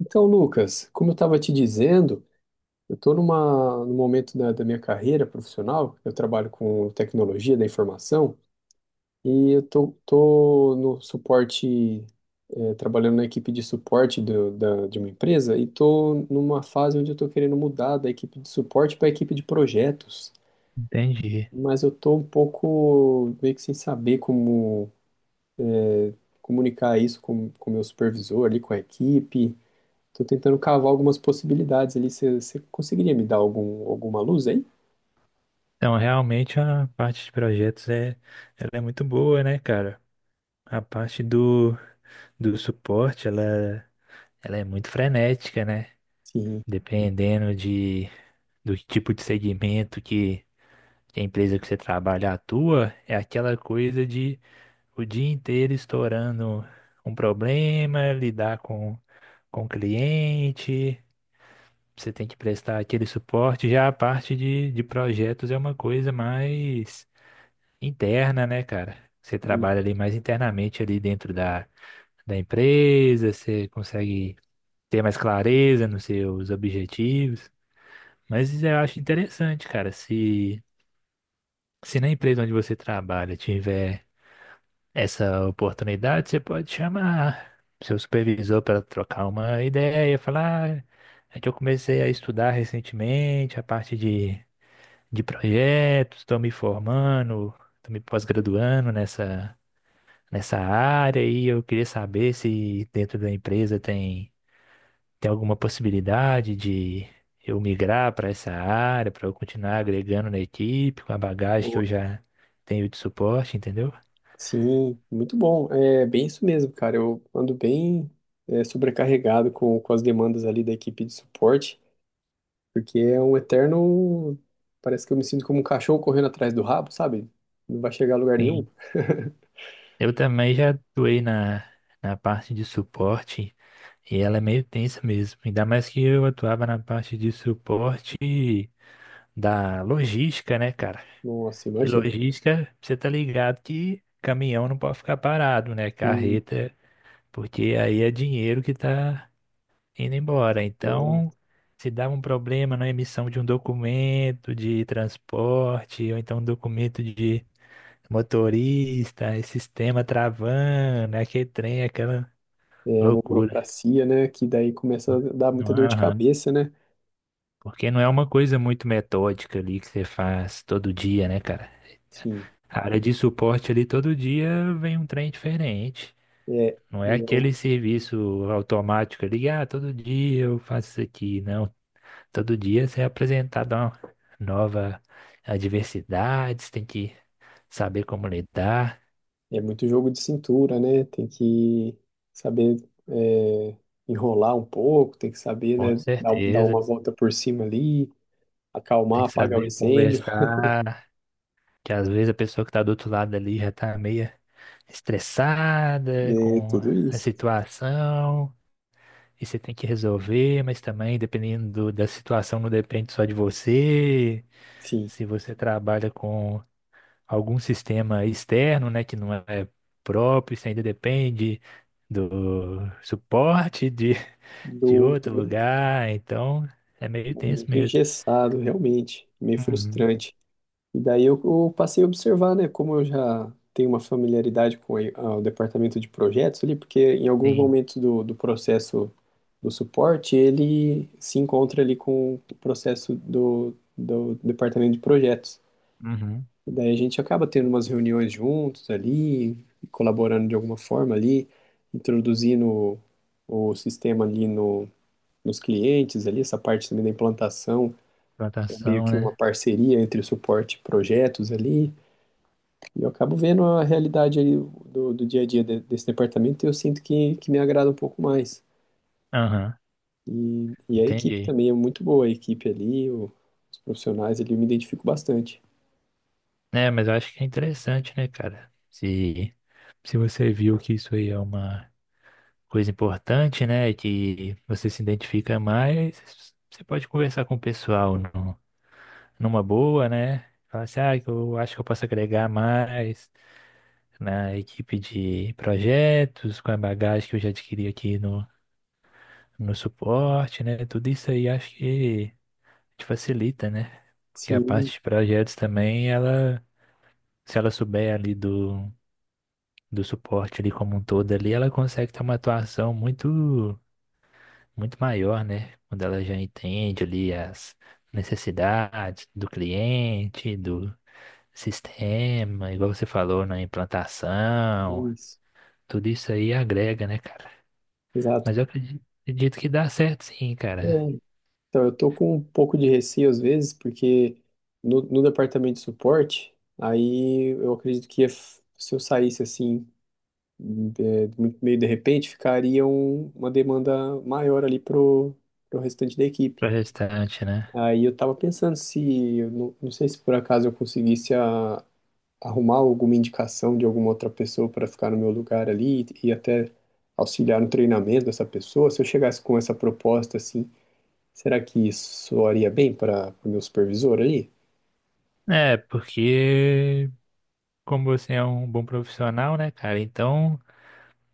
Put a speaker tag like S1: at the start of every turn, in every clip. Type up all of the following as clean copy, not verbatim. S1: Então, Lucas, como eu estava te dizendo, eu estou num momento da minha carreira profissional. Eu trabalho com tecnologia da informação e eu tô no suporte, trabalhando na equipe de suporte de uma empresa, e estou numa fase onde eu estou querendo mudar da equipe de suporte para a equipe de projetos,
S2: Entendi.
S1: mas eu estou um pouco meio que sem saber como comunicar isso com o meu supervisor ali, com a equipe. Tô tentando cavar algumas possibilidades ali. Você conseguiria me dar alguma luz aí?
S2: Então, realmente a parte de projetos é, ela é muito boa, né, cara? A parte do suporte, ela é muito frenética, né?
S1: Sim.
S2: Dependendo de, do tipo de segmento que a empresa que você trabalha atua, é aquela coisa de o dia inteiro estourando um problema, lidar com o cliente, você tem que prestar aquele suporte. Já a parte de projetos é uma coisa mais interna, né, cara? Você
S1: E-
S2: trabalha ali mais internamente ali dentro da, da empresa, você consegue ter mais clareza nos seus objetivos. Mas eu acho interessante, cara, se na empresa onde você trabalha tiver essa oportunidade, você pode chamar seu supervisor para trocar uma ideia, falar, "Ah, é que eu comecei a estudar recentemente a parte de projetos, estou me formando, estou me pós-graduando nessa área e eu queria saber se dentro da empresa tem, tem alguma possibilidade de eu migrar para essa área, para eu continuar agregando na equipe, com a bagagem que
S1: o-
S2: eu já tenho de suporte, entendeu?
S1: Sim, muito bom. É bem isso mesmo, cara. Eu ando bem sobrecarregado com as demandas ali da equipe de suporte, porque é um eterno. Parece que eu me sinto como um cachorro correndo atrás do rabo, sabe? Não vai chegar a lugar nenhum.
S2: Sim. Eu também já atuei na, na parte de suporte e ela é meio tensa mesmo. Ainda mais que eu atuava na parte de suporte da logística, né, cara?
S1: Nossa,
S2: E
S1: imagina.
S2: logística, você tá ligado que caminhão não pode ficar parado, né?
S1: Sim,
S2: Carreta porque aí é dinheiro que está indo embora. Então,
S1: exato.
S2: se dá um problema na emissão de um documento de transporte, ou então um documento de motorista, esse sistema travando, aquele trem, aquela
S1: É uma
S2: loucura.
S1: burocracia, né? Que daí começa a dar
S2: Não,
S1: muita dor de
S2: aham.
S1: cabeça, né?
S2: Porque não é uma coisa muito metódica ali que você faz todo dia, né, cara?
S1: Sim.
S2: A área de suporte ali todo dia vem um trem diferente.
S1: É,
S2: Não
S1: e
S2: é aquele
S1: eu-
S2: serviço automático ali, ah, todo dia eu faço isso aqui, não. Todo dia você é apresentado a uma nova adversidade, você tem que saber como lidar,
S1: e é muito jogo de cintura, né? Tem que saber, é, enrolar um pouco, tem que saber,
S2: com
S1: né? Dar
S2: certeza.
S1: uma volta por cima ali,
S2: Tem
S1: acalmar,
S2: que
S1: apagar o
S2: saber
S1: incêndio,
S2: conversar, que às vezes a pessoa que está do outro lado ali já está meio estressada
S1: né?
S2: com
S1: Tudo
S2: a
S1: isso.
S2: situação, e você tem que resolver, mas também, dependendo da situação, não depende só de você.
S1: Sim,
S2: Se você trabalha com algum sistema externo, né, que não é próprio, você ainda depende do suporte de,
S1: do
S2: de outro
S1: outro,
S2: lugar, então é meio
S1: é
S2: tenso
S1: muito
S2: mesmo.
S1: engessado, realmente, meio
S2: Uhum,
S1: frustrante. E daí eu passei a observar, né, como eu já tenho uma familiaridade com o departamento de projetos ali, porque em alguns
S2: sim.
S1: momentos do processo do suporte, ele se encontra ali com o processo do departamento de projetos.
S2: Uhum.
S1: E daí a gente acaba tendo umas reuniões juntos ali, colaborando de alguma forma ali, introduzindo o sistema ali no, nos clientes ali, essa parte também da implantação, é meio
S2: Plantação,
S1: que uma
S2: né?
S1: parceria entre o suporte e projetos ali. E eu acabo vendo a realidade ali do dia a dia desse departamento, e eu sinto que me agrada um pouco mais.
S2: Aham,
S1: E a equipe
S2: entendi.
S1: também é muito boa, a equipe ali, os profissionais ali, eu me identifico bastante.
S2: É, mas eu acho que é interessante, né, cara? Se você viu que isso aí é uma coisa importante, né, e que você se identifica mais, você pode conversar com o pessoal, não? Numa boa, né? Falar assim, ah, eu acho que eu posso agregar mais na equipe de projetos, com a bagagem que eu já adquiri aqui no, no suporte, né? Tudo isso aí acho que te facilita, né? Porque a parte
S1: Sim,
S2: de projetos também, ela, se ela souber ali do, do suporte ali como um todo ali, ela consegue ter uma atuação muito maior, né? Quando ela já entende ali as necessidades do cliente, do sistema, igual você falou, na
S1: é
S2: implantação,
S1: isso,
S2: tudo isso aí agrega, né, cara?
S1: exato.
S2: Mas eu acredito que dá certo sim,
S1: É,
S2: cara,
S1: então, eu tô com um pouco de receio às vezes, porque no departamento de suporte, aí eu acredito que se eu saísse assim, é, muito- meio de repente, ficaria um- uma demanda maior ali pro restante da equipe.
S2: para restante, né?
S1: Aí eu tava pensando se, eu não sei se por acaso eu conseguisse arrumar alguma indicação de alguma outra pessoa para ficar no meu lugar ali e até auxiliar no treinamento dessa pessoa. Se eu chegasse com essa proposta assim, será que isso soaria bem para o meu supervisor ali?
S2: É, porque como você é um bom profissional, né, cara? Então,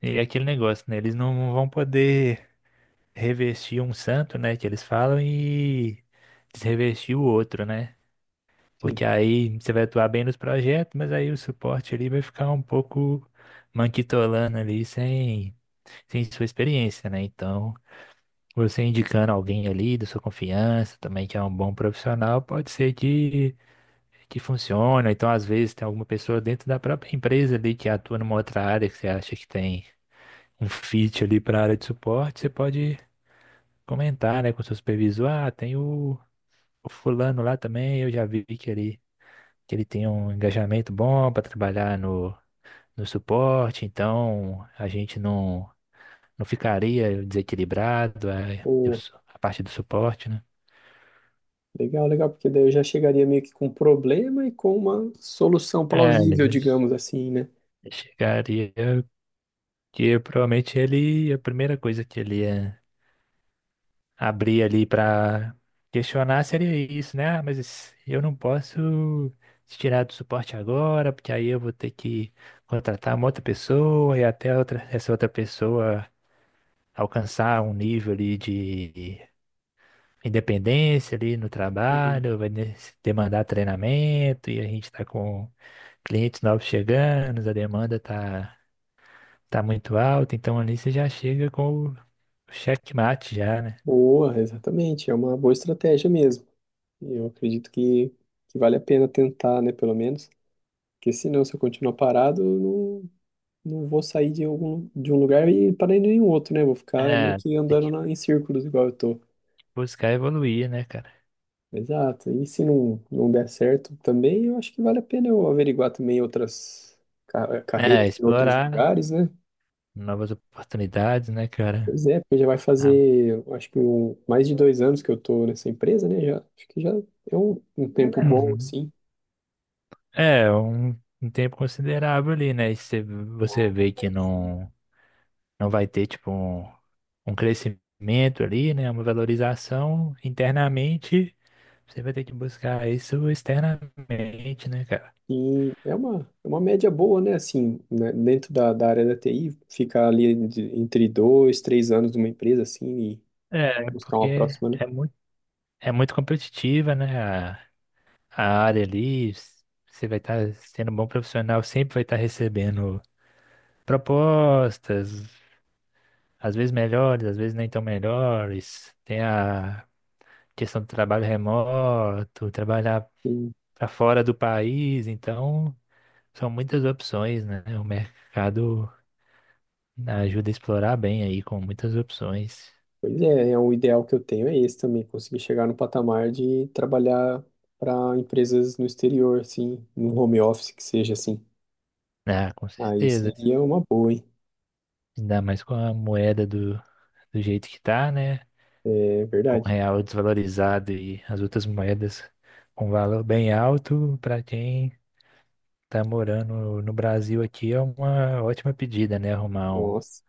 S2: é aquele negócio, né? Eles não vão poder revestir um santo, né, que eles falam e desrevestir o outro, né?
S1: Sim.
S2: Porque aí você vai atuar bem nos projetos, mas aí o suporte ali vai ficar um pouco manquitolando ali sem, sem sua experiência, né? Então, você indicando alguém ali da sua confiança também, que é um bom profissional, pode ser que funcione. Ou então, às vezes, tem alguma pessoa dentro da própria empresa ali que atua numa outra área que você acha que tem um fit ali para a área de suporte, você pode comentar, né, com o seu supervisor, ah, tem o fulano lá também, eu já vi que ele tem um engajamento bom para trabalhar no, no suporte, então a gente não, não ficaria desequilibrado é, eu
S1: Boa.
S2: sou- a, parte do suporte, né?
S1: Legal, legal, porque daí eu já chegaria meio que com um problema e com uma solução
S2: É,
S1: plausível,
S2: ele
S1: digamos assim, né?
S2: chegaria que provavelmente ele, a primeira coisa que ele ia abrir ali para questionar seria isso, né? Ah, mas esse- eu não posso te tirar do suporte agora, porque aí eu vou ter que contratar uma outra pessoa e até outra, essa outra pessoa alcançar um nível ali de independência ali no
S1: Hum.
S2: trabalho, demandar treinamento e a gente está com clientes novos chegando, a demanda tá muito alta, então ali você já chega com o checkmate já, né?
S1: Boa, exatamente. É uma boa estratégia mesmo. E eu acredito que vale a pena tentar, né, pelo menos. Porque senão, se eu continuar parado, eu não vou sair de algum, de um lugar e parar em nenhum outro, né? Vou ficar meio
S2: É,
S1: que
S2: tem
S1: andando
S2: que
S1: em círculos igual eu tô.
S2: buscar evoluir, né, cara?
S1: Exato. E se não, não der certo também, eu acho que vale a pena eu averiguar também outras
S2: É,
S1: carreiras em outros
S2: explorar
S1: lugares, né?
S2: novas oportunidades, né, cara?
S1: Pois é, porque já vai
S2: Ah,
S1: fazer, eu acho que um, mais de 2 anos que eu tô nessa empresa, né? Já, acho que já é um tempo bom,
S2: uhum.
S1: assim.
S2: É, um tempo considerável ali, né? E se você vê que não não vai ter, tipo, um crescimento ali, né? Uma valorização internamente, você vai ter que buscar isso externamente, né, cara?
S1: E é uma média boa, né? Assim, né? Dentro da área da TI, ficar ali entre 2, 3 anos numa empresa, assim, e
S2: É,
S1: buscar uma
S2: porque
S1: próxima, né?
S2: é muito competitiva, né? A, a área ali, s- você vai estar sendo um bom profissional, sempre vai estar recebendo propostas, às vezes melhores, às vezes nem tão melhores. Tem a questão do trabalho remoto, trabalhar
S1: E,
S2: para fora do país, então. São muitas opções, né? O mercado ajuda a explorar bem aí com muitas opções.
S1: pois é, é um ideal que eu tenho, é esse também, conseguir chegar no patamar de trabalhar para empresas no exterior, assim, no home office que seja, assim.
S2: Ah, com
S1: Aí
S2: certeza.
S1: seria uma boa, hein?
S2: Ainda mais com a moeda do, do jeito que tá, né?
S1: É
S2: Com o
S1: verdade.
S2: real desvalorizado e as outras moedas com valor bem alto, para quem tá morando no Brasil aqui é uma ótima pedida, né? Arrumar um,
S1: Nossa.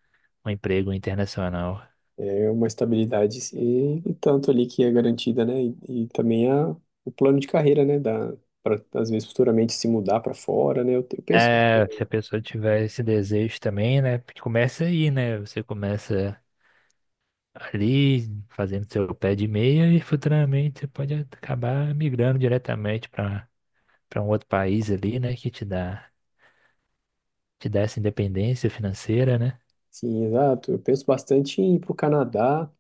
S2: um emprego internacional.
S1: É uma estabilidade e tanto ali que é garantida, né? E também o plano de carreira, né? Da, para às vezes futuramente se mudar para fora, né? Eu penso,
S2: É, se a pessoa tiver esse desejo também, né? Porque começa aí, né? Você começa ali fazendo seu pé de meia e futuramente você pode acabar migrando diretamente para para um outro país ali, né, que te dá essa independência financeira, né?
S1: sim, exato. Eu penso bastante em ir para o Canadá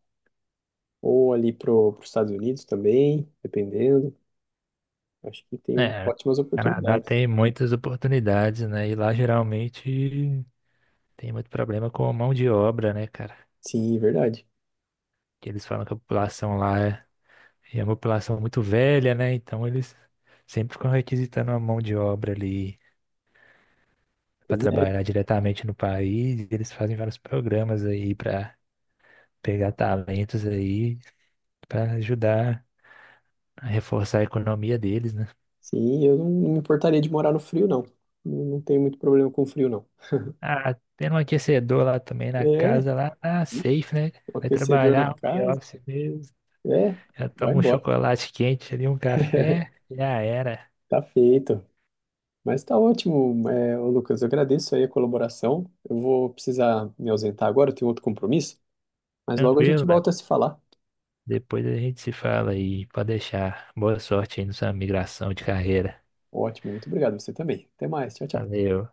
S1: ou ali para os Estados Unidos também, dependendo. Acho que tem
S2: É,
S1: ótimas
S2: Canadá
S1: oportunidades.
S2: tem muitas oportunidades, né? E lá geralmente tem muito problema com mão de obra, né, cara?
S1: Sim, verdade.
S2: Que eles falam que a população lá é, é uma população muito velha, né? Então eles sempre ficam requisitando uma mão de obra ali para
S1: Pois é.
S2: trabalhar diretamente no país. E eles fazem vários programas aí para pegar talentos aí para ajudar a reforçar a economia deles, né?
S1: Sim, eu não me importaria de morar no frio, não. Não tenho muito problema com frio, não.
S2: Ah, tendo um aquecedor lá também na
S1: É,
S2: casa lá, ah,
S1: ixi,
S2: safe, né?
S1: um
S2: Vai
S1: aquecedor na
S2: trabalhar, home
S1: casa.
S2: office mesmo.
S1: É,
S2: Já
S1: vai
S2: toma um
S1: embora.
S2: chocolate quente ali, um café, já era.
S1: Tá feito. Mas tá ótimo, é, ô Lucas. Eu agradeço aí a colaboração. Eu vou precisar me ausentar agora, eu tenho outro compromisso, mas logo a gente
S2: Tranquilo, Léo.
S1: volta a se falar.
S2: Depois a gente se fala aí, pode deixar. Boa sorte aí na sua migração de carreira.
S1: Ótimo, muito obrigado. Você também. Até mais. Tchau, tchau.
S2: Valeu.